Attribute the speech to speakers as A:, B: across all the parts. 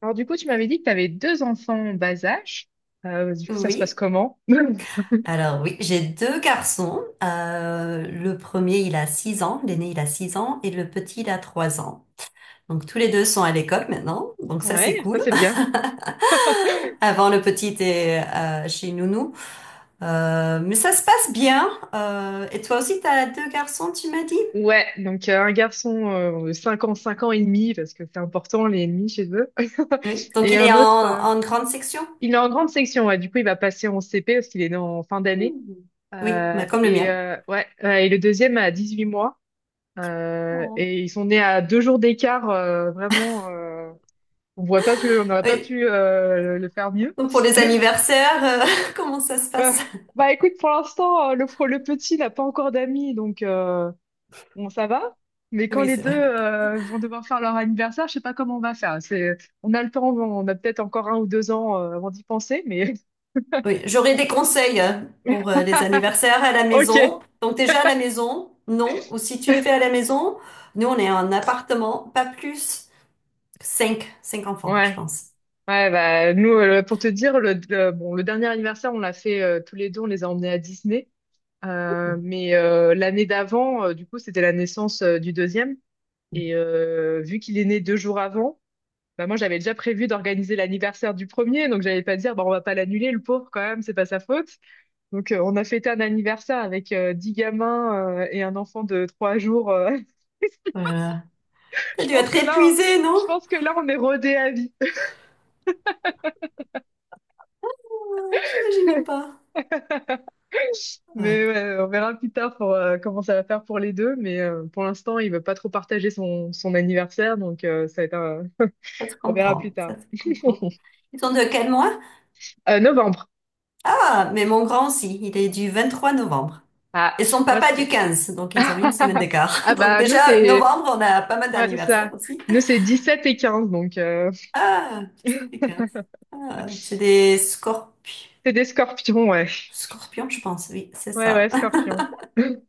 A: Alors du coup, tu m'avais dit que tu avais deux enfants en bas âge. Du coup, ça se passe
B: Oui,
A: comment?
B: alors oui, j'ai deux garçons. Le premier, il a 6 ans, l'aîné, il a 6 ans, et le petit, il a 3 ans. Donc tous les deux sont à l'école maintenant, donc ça
A: Ouais,
B: c'est
A: ça
B: cool.
A: c'est bien.
B: Avant, le petit était chez Nounou. Mais ça se passe bien. Et toi aussi, t'as deux garçons, tu m'as dit?
A: Ouais, donc un garçon de 5 ans, 5 ans et demi, parce que c'est important les ennemis chez eux.
B: Oui. Donc
A: Et
B: il est
A: un
B: en,
A: autre,
B: en grande section?
A: il est en grande section, ouais, du coup il va passer en CP parce qu'il est né en fin d'année.
B: Oui, bah, comme le mien.
A: Et le deuxième a 18 mois. Et ils sont nés à 2 jours d'écart, vraiment, on n'aurait pas
B: Oui.
A: pu le faire mieux.
B: Donc pour les anniversaires, comment ça se
A: Euh,
B: passe?
A: bah écoute, pour l'instant, le petit n'a pas encore d'amis, donc bon, ça va. Mais quand
B: Oui,
A: les
B: c'est
A: deux
B: vrai.
A: vont devoir faire leur anniversaire, je sais pas comment on va faire. C'est, on a le temps, on a peut-être encore un ou deux ans avant d'y penser, mais
B: Oui, j'aurais des conseils hein, pour les anniversaires à la
A: ok.
B: maison. Donc déjà à la maison, non. Ou si tu les fais à la maison, nous on est en appartement, pas plus. Cinq enfants, je
A: Ouais,
B: pense.
A: ouais, bah nous, pour te dire, bon, le dernier anniversaire, on l'a fait tous les deux, on les a emmenés à Disney. L'année d'avant, du coup, c'était la naissance du deuxième. Et vu qu'il est né 2 jours avant, bah moi, j'avais déjà prévu d'organiser l'anniversaire du premier, donc j'allais pas dire, bon, on va pas l'annuler, le pauvre, quand même, c'est pas sa faute. Donc, on a fêté un anniversaire avec 10 gamins et un enfant de 3 jours.
B: Voilà. T'as
A: Je
B: dû
A: pense
B: être
A: que là,
B: épuisé, non?
A: je pense que là, on est rodé à vie.
B: Ah, j'imagine même pas. Ouais,
A: Mais ouais, on verra plus tard pour, comment ça va faire pour les deux. Mais pour l'instant, il veut pas trop partager son anniversaire, donc ça va être un-
B: ça se
A: on verra plus
B: comprend,
A: tard.
B: ça se comprend. Ils sont de quel mois?
A: Novembre.
B: Ah, mais mon grand aussi, il est du 23 novembre.
A: Ah,
B: Et son
A: moi,
B: papa du
A: c'est...
B: 15, donc ils ont une semaine d'écart.
A: Ah
B: Donc
A: bah, nous,
B: déjà,
A: c'est...
B: novembre, on a pas mal
A: Ouais, c'est
B: d'anniversaires
A: ça.
B: aussi.
A: Nous, c'est 17 et 15 donc...
B: Ah, tu sais, c'est des scorpions.
A: c'est des scorpions, ouais.
B: Scorpions, je pense, oui, c'est
A: Ouais, ouais,
B: ça.
A: scorpions.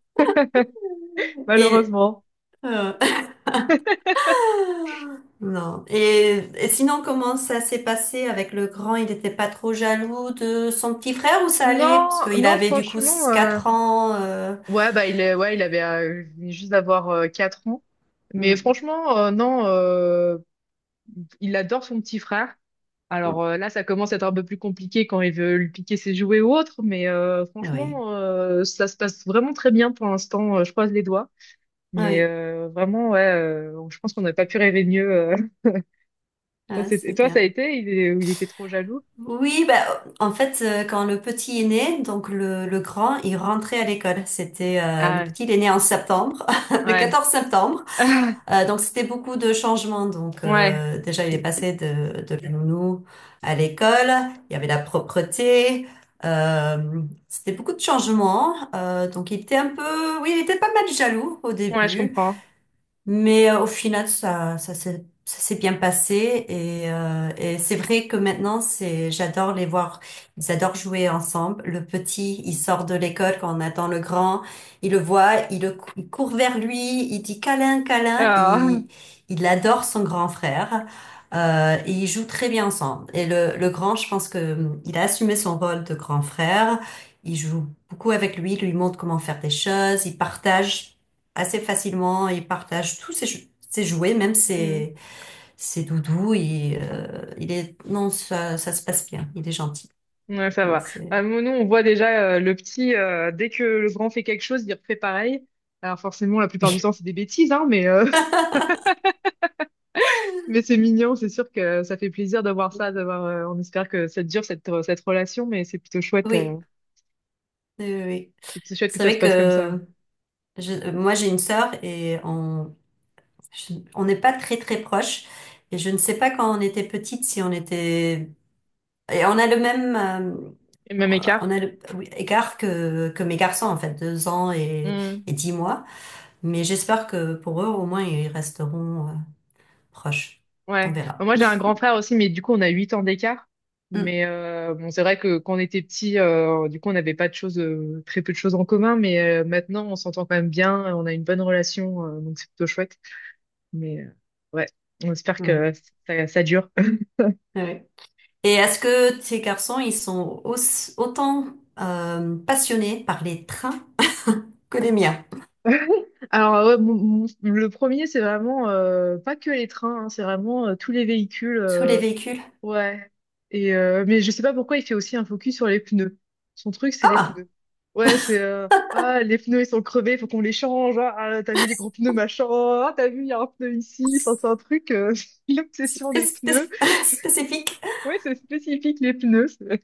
B: Et,
A: Malheureusement.
B: euh, non. Et sinon, comment ça s'est passé avec le grand? Il n'était pas trop jaloux de son petit frère ou ça allait? Parce
A: Non,
B: qu'il
A: non,
B: avait du coup
A: franchement,
B: 4 ans.
A: ouais, bah, il est, ouais, il avait il venait juste d'avoir 4 ans. Mais
B: Mm,
A: franchement, non, il adore son petit frère.
B: mm,
A: Alors là, ça commence à être un peu plus compliqué quand il veut lui piquer ses jouets ou autre, mais
B: Ah oui.
A: franchement, ça se passe vraiment très bien pour l'instant. Je croise les doigts.
B: Ah
A: Mais
B: oui.
A: vraiment, ouais, je pense qu'on n'aurait pas pu rêver mieux. Ça,
B: Ah,
A: et
B: c'est
A: toi, ça a
B: bien.
A: été? Ou il était trop jaloux?
B: Oui, bah, en fait, quand le petit est né, donc le grand, il rentrait à l'école. C'était le
A: Ah,
B: petit, il est né en septembre, le
A: ouais.
B: 14 septembre. Donc c'était beaucoup de changements. Donc
A: Ouais,
B: déjà, il est passé de la nounou à l'école. Il y avait la propreté. Euh, c'était beaucoup de changements. Donc il était un peu, oui, il était pas mal jaloux au
A: ouais, je
B: début.
A: comprends.
B: Mais au final, ça, ça s'est bien passé et c'est vrai que maintenant, c'est, j'adore les voir. Ils adorent jouer ensemble. Le petit, il sort de l'école quand on attend le grand. Il le voit, il, il court vers lui, il dit câlin, câlin.
A: Ah,
B: Il adore son grand frère. Et ils jouent très bien ensemble. Et le grand, je pense que il a assumé son rôle de grand frère. Il joue beaucoup avec lui, il lui montre comment faire des choses, il partage assez facilement. Il partage tous ses, ses jouets, même
A: hmm.
B: ses, ses doudous. Il est, non, ça se passe bien. Il est gentil.
A: Ouais, ça
B: Donc
A: va.
B: c'est,
A: Bah, nous, nous, on voit déjà le petit, dès que le grand fait quelque chose, il refait pareil. Alors forcément, la plupart du
B: oui,
A: temps, c'est des bêtises, hein, mais, mais c'est mignon, c'est sûr que ça fait plaisir d'avoir ça, d'avoir, on espère que ça dure, cette relation, mais
B: oui, oui, oui.
A: c'est plutôt chouette que
B: C'est
A: ça se
B: vrai
A: passe comme ça.
B: que moi j'ai une sœur et on, on n'est pas très très proches. Et je ne sais pas quand on était petite si on était, et on a le même,
A: Et même
B: on
A: écart.
B: a le, oui, écart que mes garçons en fait, deux ans
A: Hmm.
B: et dix mois. Mais j'espère que pour eux, au moins, ils resteront proche.
A: Ouais.
B: On
A: Bah,
B: verra.
A: moi, j'ai un grand frère aussi, mais du coup, on a 8 ans d'écart.
B: Mm.
A: Mais bon, c'est vrai que quand on était petit, du coup, on n'avait pas de choses, très peu de choses en commun. Mais maintenant, on s'entend quand même bien, on a une bonne relation, donc c'est plutôt chouette. Mais ouais, on espère
B: Mm.
A: que ça dure.
B: Ouais. Et est-ce que tes garçons, ils sont autant passionnés par les trains que les miens?
A: Alors, ouais, le premier, c'est vraiment pas que les trains, hein, c'est vraiment tous les véhicules.
B: Tous les véhicules?
A: Ouais. Et mais je sais pas pourquoi il fait aussi un focus sur les pneus. Son truc, c'est les
B: Ah,
A: pneus. Ouais, c'est ah les pneus ils sont crevés, faut qu'on les change. Ah, ah, t'as vu les gros pneus machin. Ah, t'as vu il y a un pneu ici. Enfin, c'est un truc
B: c'est
A: l'obsession des pneus.
B: spécifique.
A: Ouais, c'est spécifique les pneus.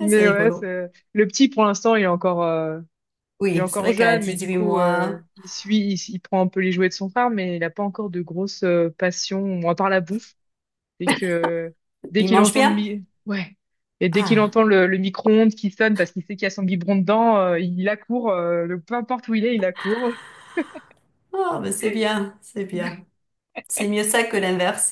B: Ah, c'est
A: Mais ouais,
B: rigolo.
A: c'est le petit pour l'instant il est
B: Oui, c'est
A: encore
B: vrai qu'à
A: jeune, mais du
B: 18
A: coup
B: mois,
A: il suit, il prend un peu les jouets de son frère, mais il a pas encore de grosses passions à part la bouffe. Dès que, dès
B: ils
A: qu'il
B: mangent
A: entend
B: bien.
A: ouais. Et dès qu'il
B: Ah,
A: entend le micro-ondes qui sonne parce qu'il sait qu'il y a son biberon dedans, il accourt, peu importe où il est, il accourt.
B: oh, mais c'est bien, c'est bien. C'est mieux ça que l'inverse.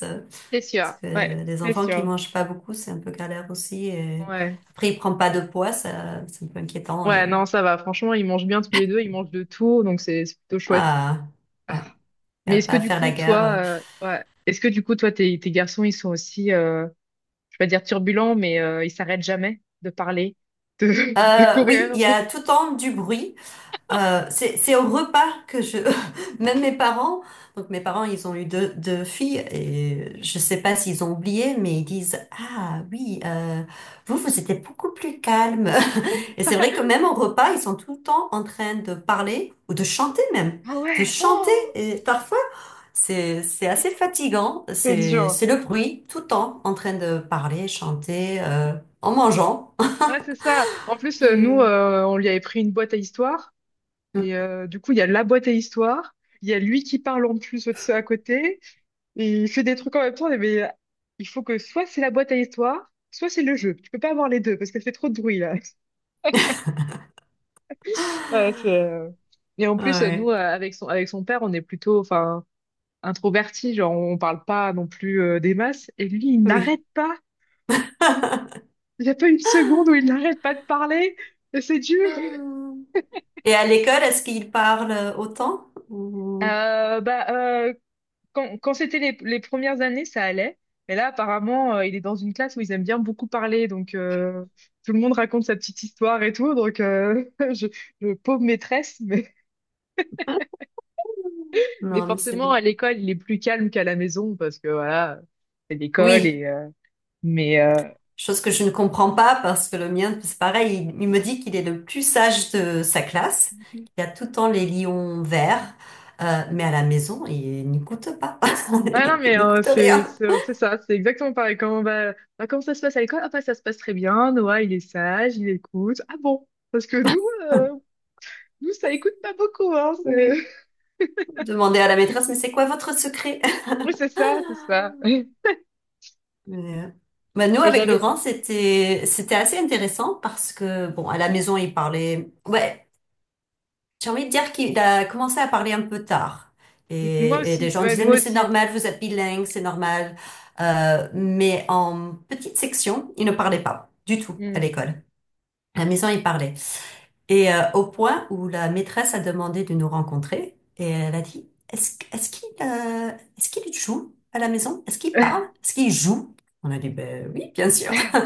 A: C'est
B: Parce
A: sûr,
B: que
A: ouais,
B: les
A: c'est
B: enfants qui
A: sûr.
B: mangent pas beaucoup, c'est un peu galère aussi. Et
A: Ouais.
B: après, ils prennent pas de poids, ça, c'est un peu inquiétant.
A: Ouais,
B: Et-
A: non, ça va. Franchement, ils mangent bien tous les deux, ils mangent de tout, donc c'est plutôt chouette.
B: Ah, ouais. Il n'y
A: Mais
B: a
A: est-ce
B: pas
A: que
B: à
A: du
B: faire
A: coup,
B: la
A: toi,
B: guerre.
A: ouais, est-ce que du coup, toi, tes garçons, ils sont aussi, je vais pas dire turbulents, mais ils s'arrêtent jamais de parler, de, de
B: Oui,
A: courir.
B: il y
A: de-
B: a tout le temps du bruit. C'est au repas que je, même mes parents, donc mes parents, ils ont eu deux filles et je sais pas s'ils ont oublié, mais ils disent, ah oui, vous, vous étiez beaucoup plus calme. Et c'est vrai que même au repas, ils sont tout le temps en train de parler ou de chanter même,
A: Ah
B: de
A: ouais,
B: chanter
A: oh,
B: et parfois, c'est assez fatigant,
A: c'est dur.
B: c'est le bruit tout le temps en train de parler, chanter, en mangeant.
A: Ouais, c'est ça. En plus, nous,
B: Je...
A: on lui avait pris une boîte à histoire. Et du coup, il y a la boîte à histoire. Il y a lui qui parle en plus de ceux à côté. Et il fait des trucs en même temps. Mais il faut que soit c'est la boîte à histoire, soit c'est le jeu. Tu peux pas avoir les deux parce qu'elle fait trop de bruit, là. Ouais, et en plus, nous,
B: Ouais,
A: avec son père, on est plutôt enfin, introvertis. Genre, on parle pas non plus des masses. Et lui, il
B: oui.
A: n'arrête pas. Oh, il n'y a pas une seconde où il n'arrête pas de parler. Et c'est dur.
B: Et à l'école, est-ce qu'ils parlent autant? Ou-
A: Euh, bah, euh, quand c'était les premières années, ça allait. Mais là, apparemment, il est dans une classe où ils aiment bien beaucoup parler. Donc, tout le monde raconte sa petite histoire et tout. Donc, je, pauvre maîtresse. Mais
B: Non, mais c'est
A: forcément,
B: bien.
A: à l'école, il est plus calme qu'à la maison parce que, voilà, c'est l'école.
B: Oui,
A: Et, mais,
B: chose que je ne comprends pas parce que le mien, c'est pareil, il me dit qu'il est le plus sage de sa classe, qu'il a tout le temps les lions verts, mais à la maison, il n'écoute pas.
A: ouais, non,
B: Il
A: mais
B: n'écoute rien.
A: c'est ça. C'est exactement pareil. Bah, comment ça se passe à l'école? Ah, bah, ça se passe très bien. Noah, il est sage, il écoute. Ah bon? Parce que nous, euh, nous, ça écoute pas beaucoup, hein.
B: Oui. Demandez à la maîtresse, mais c'est quoi votre secret?
A: Oui, c'est ça, c'est ça.
B: Mais, euh, bah, nous,
A: Bah,
B: avec le
A: j'avais.
B: grand, c'était assez intéressant parce que, bon, à la maison, il parlait. Ouais, j'ai envie de dire qu'il a commencé à parler un peu tard.
A: Moi
B: Et les
A: aussi.
B: gens
A: Ouais, nous
B: disaient, mais c'est
A: aussi.
B: normal, vous êtes bilingue, c'est normal. Mais en petite section, il ne parlait pas du tout à
A: Hmm.
B: l'école. À la maison, il parlait. Et au point où la maîtresse a demandé de nous rencontrer, et elle a dit, est-ce qu'il est-ce qu'il joue à la maison? Est-ce qu'il parle? Est-ce qu'il joue? On a dit, ben oui, bien sûr.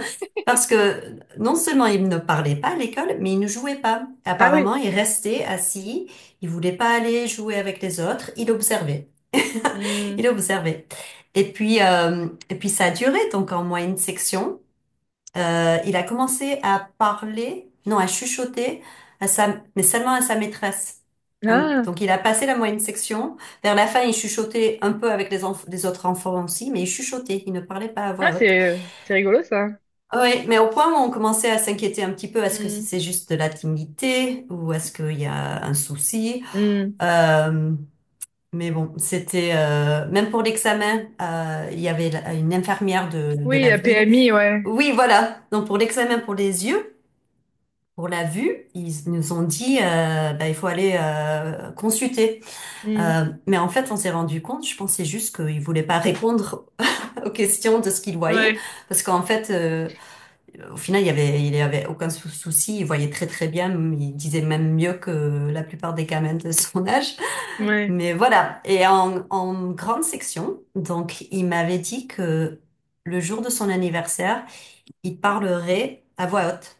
B: Parce que non seulement il ne parlait pas à l'école, mais il ne jouait pas.
A: Ah oui.
B: Apparemment, il restait assis, il voulait pas aller jouer avec les autres, il observait.
A: Hmm.
B: Il observait. Et puis ça a duré, donc en moyenne section, il a commencé à parler, non, à chuchoter, à sa, mais seulement à sa maîtresse.
A: Ah,
B: Donc il a passé la moyenne section. Vers la fin, il chuchotait un peu avec les, les autres enfants aussi, mais il chuchotait, il ne parlait pas à
A: ah
B: voix haute.
A: c'est rigolo ça.
B: Oui, mais au point où on commençait à s'inquiéter un petit peu, est-ce que si
A: Hmm.
B: c'est juste de la timidité ou est-ce qu'il y a un souci?
A: Hmm.
B: Euh, mais bon, c'était même pour l'examen, il y avait une infirmière de
A: Oui,
B: la
A: la
B: ville.
A: PMI, ouais.
B: Oui, voilà. Donc pour l'examen pour les yeux, pour la vue, ils nous ont dit bah, il faut aller consulter.
A: Hmm.
B: Mais en fait, on s'est rendu compte, je pensais juste qu'ils voulaient pas répondre aux questions de ce qu'ils voyaient,
A: Ouais,
B: parce qu'en fait. Au final, il y avait aucun souci, il voyait très très bien, il disait même mieux que la plupart des gamins de son âge.
A: ouais.
B: Mais voilà. Et en grande section, donc il m'avait dit que le jour de son anniversaire, il parlerait à voix haute.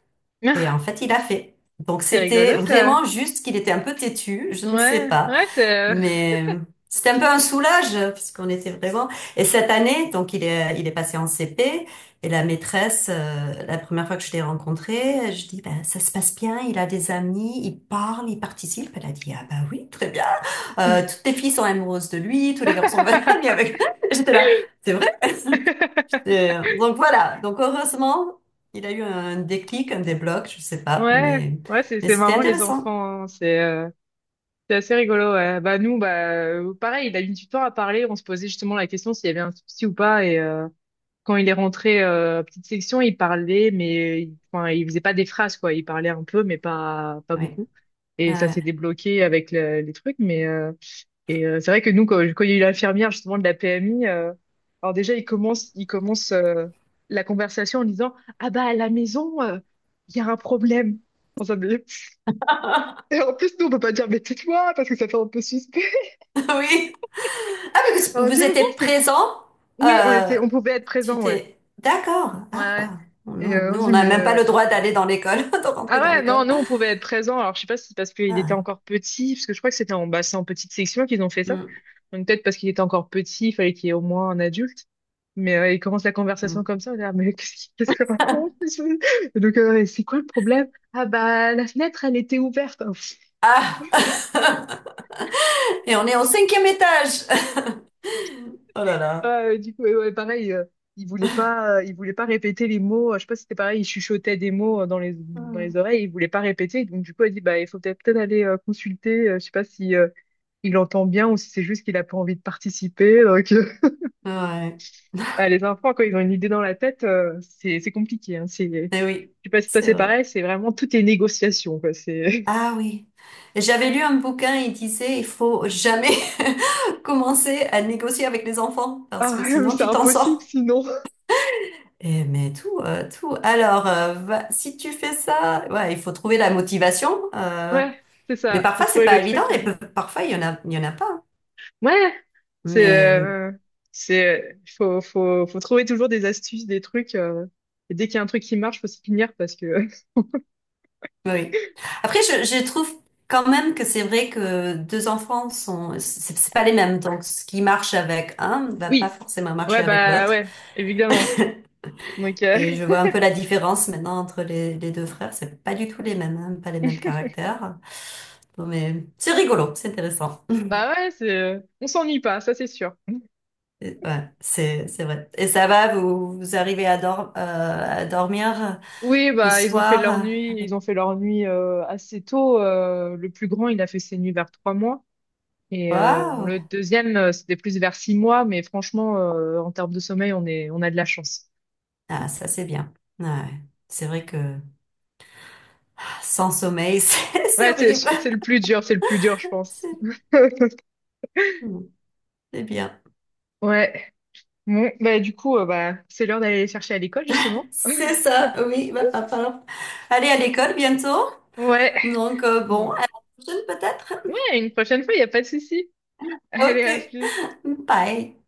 B: Et en
A: Ah,
B: fait, il a fait. Donc
A: c'est
B: c'était
A: rigolo ça.
B: vraiment juste qu'il était un peu têtu, je ne sais
A: Ouais,
B: pas.
A: ouais, c'est.
B: Mais c'était un peu un soulage parce qu'on était vraiment. Et cette année, donc il est passé en CP et la maîtresse, la première fois que je l'ai rencontré, je dis ben ça se passe bien, il a des amis, il parle, il participe. Elle a dit ah bah oui très bien. Toutes les filles sont amoureuses de lui, tous les garçons veulent aller avec. J'étais là, c'est vrai. J'étais- Donc voilà. Donc heureusement, il a eu un déclic, un débloc, je sais pas,
A: Ouais, ouais, c'est
B: mais
A: c'est
B: c'était
A: marrant les
B: intéressant.
A: enfants. Hein. C'est assez rigolo. Ouais. Bah nous, bah pareil, il a mis du temps à parler. On se posait justement la question s'il y avait un souci ou pas et. Quand il est rentré à petite section, il parlait, mais il, enfin, il faisait pas des phrases, quoi. Il parlait un peu, mais pas
B: Oui.
A: beaucoup. Et ça
B: Euh,
A: s'est débloqué avec les trucs. Mais c'est vrai que nous, quand il y a eu l'infirmière justement de la PMI, alors déjà il commence la conversation en disant, ah bah à la maison, il y a un problème. On s'en est- Et en plus, nous, on peut pas dire, mais tais-toi, parce que ça fait un peu suspect.
B: Oui. Ah, parce que
A: Alors, on dit,
B: vous
A: ah bon,
B: étiez présent.
A: oui, on
B: Euh,
A: était, on pouvait être
B: tu
A: présent, ouais.
B: t'es... D'accord.
A: Ouais.
B: Ah,
A: Ouais.
B: waouh.
A: Et
B: Non,
A: on
B: nous, on
A: dit,
B: n'a
A: mais
B: même pas le droit d'aller dans l'école, de rentrer
A: ah
B: dans
A: ouais, non,
B: l'école.
A: nous, on pouvait être présents. Alors, je sais pas si c'est parce qu'il était
B: Ah.
A: encore petit, parce que je crois que c'était en, bah, c'est en petite section qu'ils ont fait ça.
B: Mm,
A: Donc, peut-être parce qu'il était encore petit, il fallait qu'il y ait au moins un adulte. Mais il commence la
B: mm.
A: conversation comme ça, on est là, mais qu'est-ce qu'il qu'est-ce qu'il raconte? Et donc, c'est quoi le problème? Ah bah, la fenêtre, elle était ouverte.
B: Ah. Et on est au cinquième étage. Oh là
A: Ouais,
B: là.
A: ouais, du coup, ouais, ouais, pareil, il voulait pas répéter les mots. Je sais pas si c'était pareil, il chuchotait des mots dans les
B: Mm.
A: oreilles, il voulait pas répéter. Donc, du coup, elle dit, bah, il faut peut-être aller consulter. Je sais pas si il entend bien ou si c'est juste qu'il a pas envie de participer. Donc,
B: Ouais.
A: ah, les enfants, quand ils ont une idée dans la tête, c'est compliqué. Hein, c'est, je
B: Eh oui,
A: sais pas si toi
B: c'est
A: c'est
B: vrai.
A: pareil, c'est vraiment toutes les négociations, quoi. C'est,
B: Ah oui. J'avais lu un bouquin, il disait, il faut jamais commencer à négocier avec les enfants, parce que
A: ah ouais, mais
B: sinon
A: c'est
B: tu t'en
A: impossible
B: sors.
A: sinon.
B: Eh, mais tout, tout. Alors, si tu fais ça, ouais, il faut trouver la motivation.
A: Ouais, c'est
B: Mais
A: ça, faut
B: parfois, c'est
A: trouver le
B: pas évident
A: truc.
B: et parfois, il y en a, il y en a pas.
A: Ouais, c'est,
B: Mais
A: euh, faut trouver toujours des astuces, des trucs. Et dès qu'il y a un truc qui marche, faut s'y tenir parce que.
B: oui. Après, je trouve quand même que c'est vrai que deux enfants sont, c'est pas les mêmes. Donc, ce qui marche avec un ne va pas
A: Oui,
B: forcément marcher
A: ouais,
B: avec
A: bah
B: l'autre.
A: ouais, évidemment. Donc,
B: Et je vois un peu la différence maintenant entre les deux frères. C'est pas du tout les mêmes, hein, pas les mêmes caractères. Bon, mais c'est rigolo, c'est intéressant.
A: bah ouais, on s'ennuie pas, ça c'est sûr.
B: Et- Ouais, c'est vrai. Et ça va, vous arrivez à, à dormir
A: Oui,
B: le
A: bah
B: soir
A: ils ont
B: avec
A: fait leur nuit assez tôt. Le plus grand, il a fait ses nuits vers 3 mois. Et bon,
B: Waouh!
A: le deuxième, c'était plus vers 6 mois, mais franchement, en termes de sommeil, on a de la chance.
B: Ah, ça c'est bien. Ouais. C'est vrai que ah, sans sommeil, c'est
A: Ouais,
B: horrible.
A: c'est le plus dur, c'est le plus dur, je pense.
B: C'est hmm, c'est bien.
A: Ouais. Bon, bah du coup, bah, c'est l'heure d'aller les chercher à l'école, justement.
B: C'est ça, oui. Bah, va falloir aller à l'école bientôt.
A: Ouais.
B: Donc
A: Ouais,
B: bon, à la prochaine peut-être.
A: Ouais, une prochaine fois, il n'y a pas de souci.
B: Ok.
A: Allez, à plus.
B: Bye.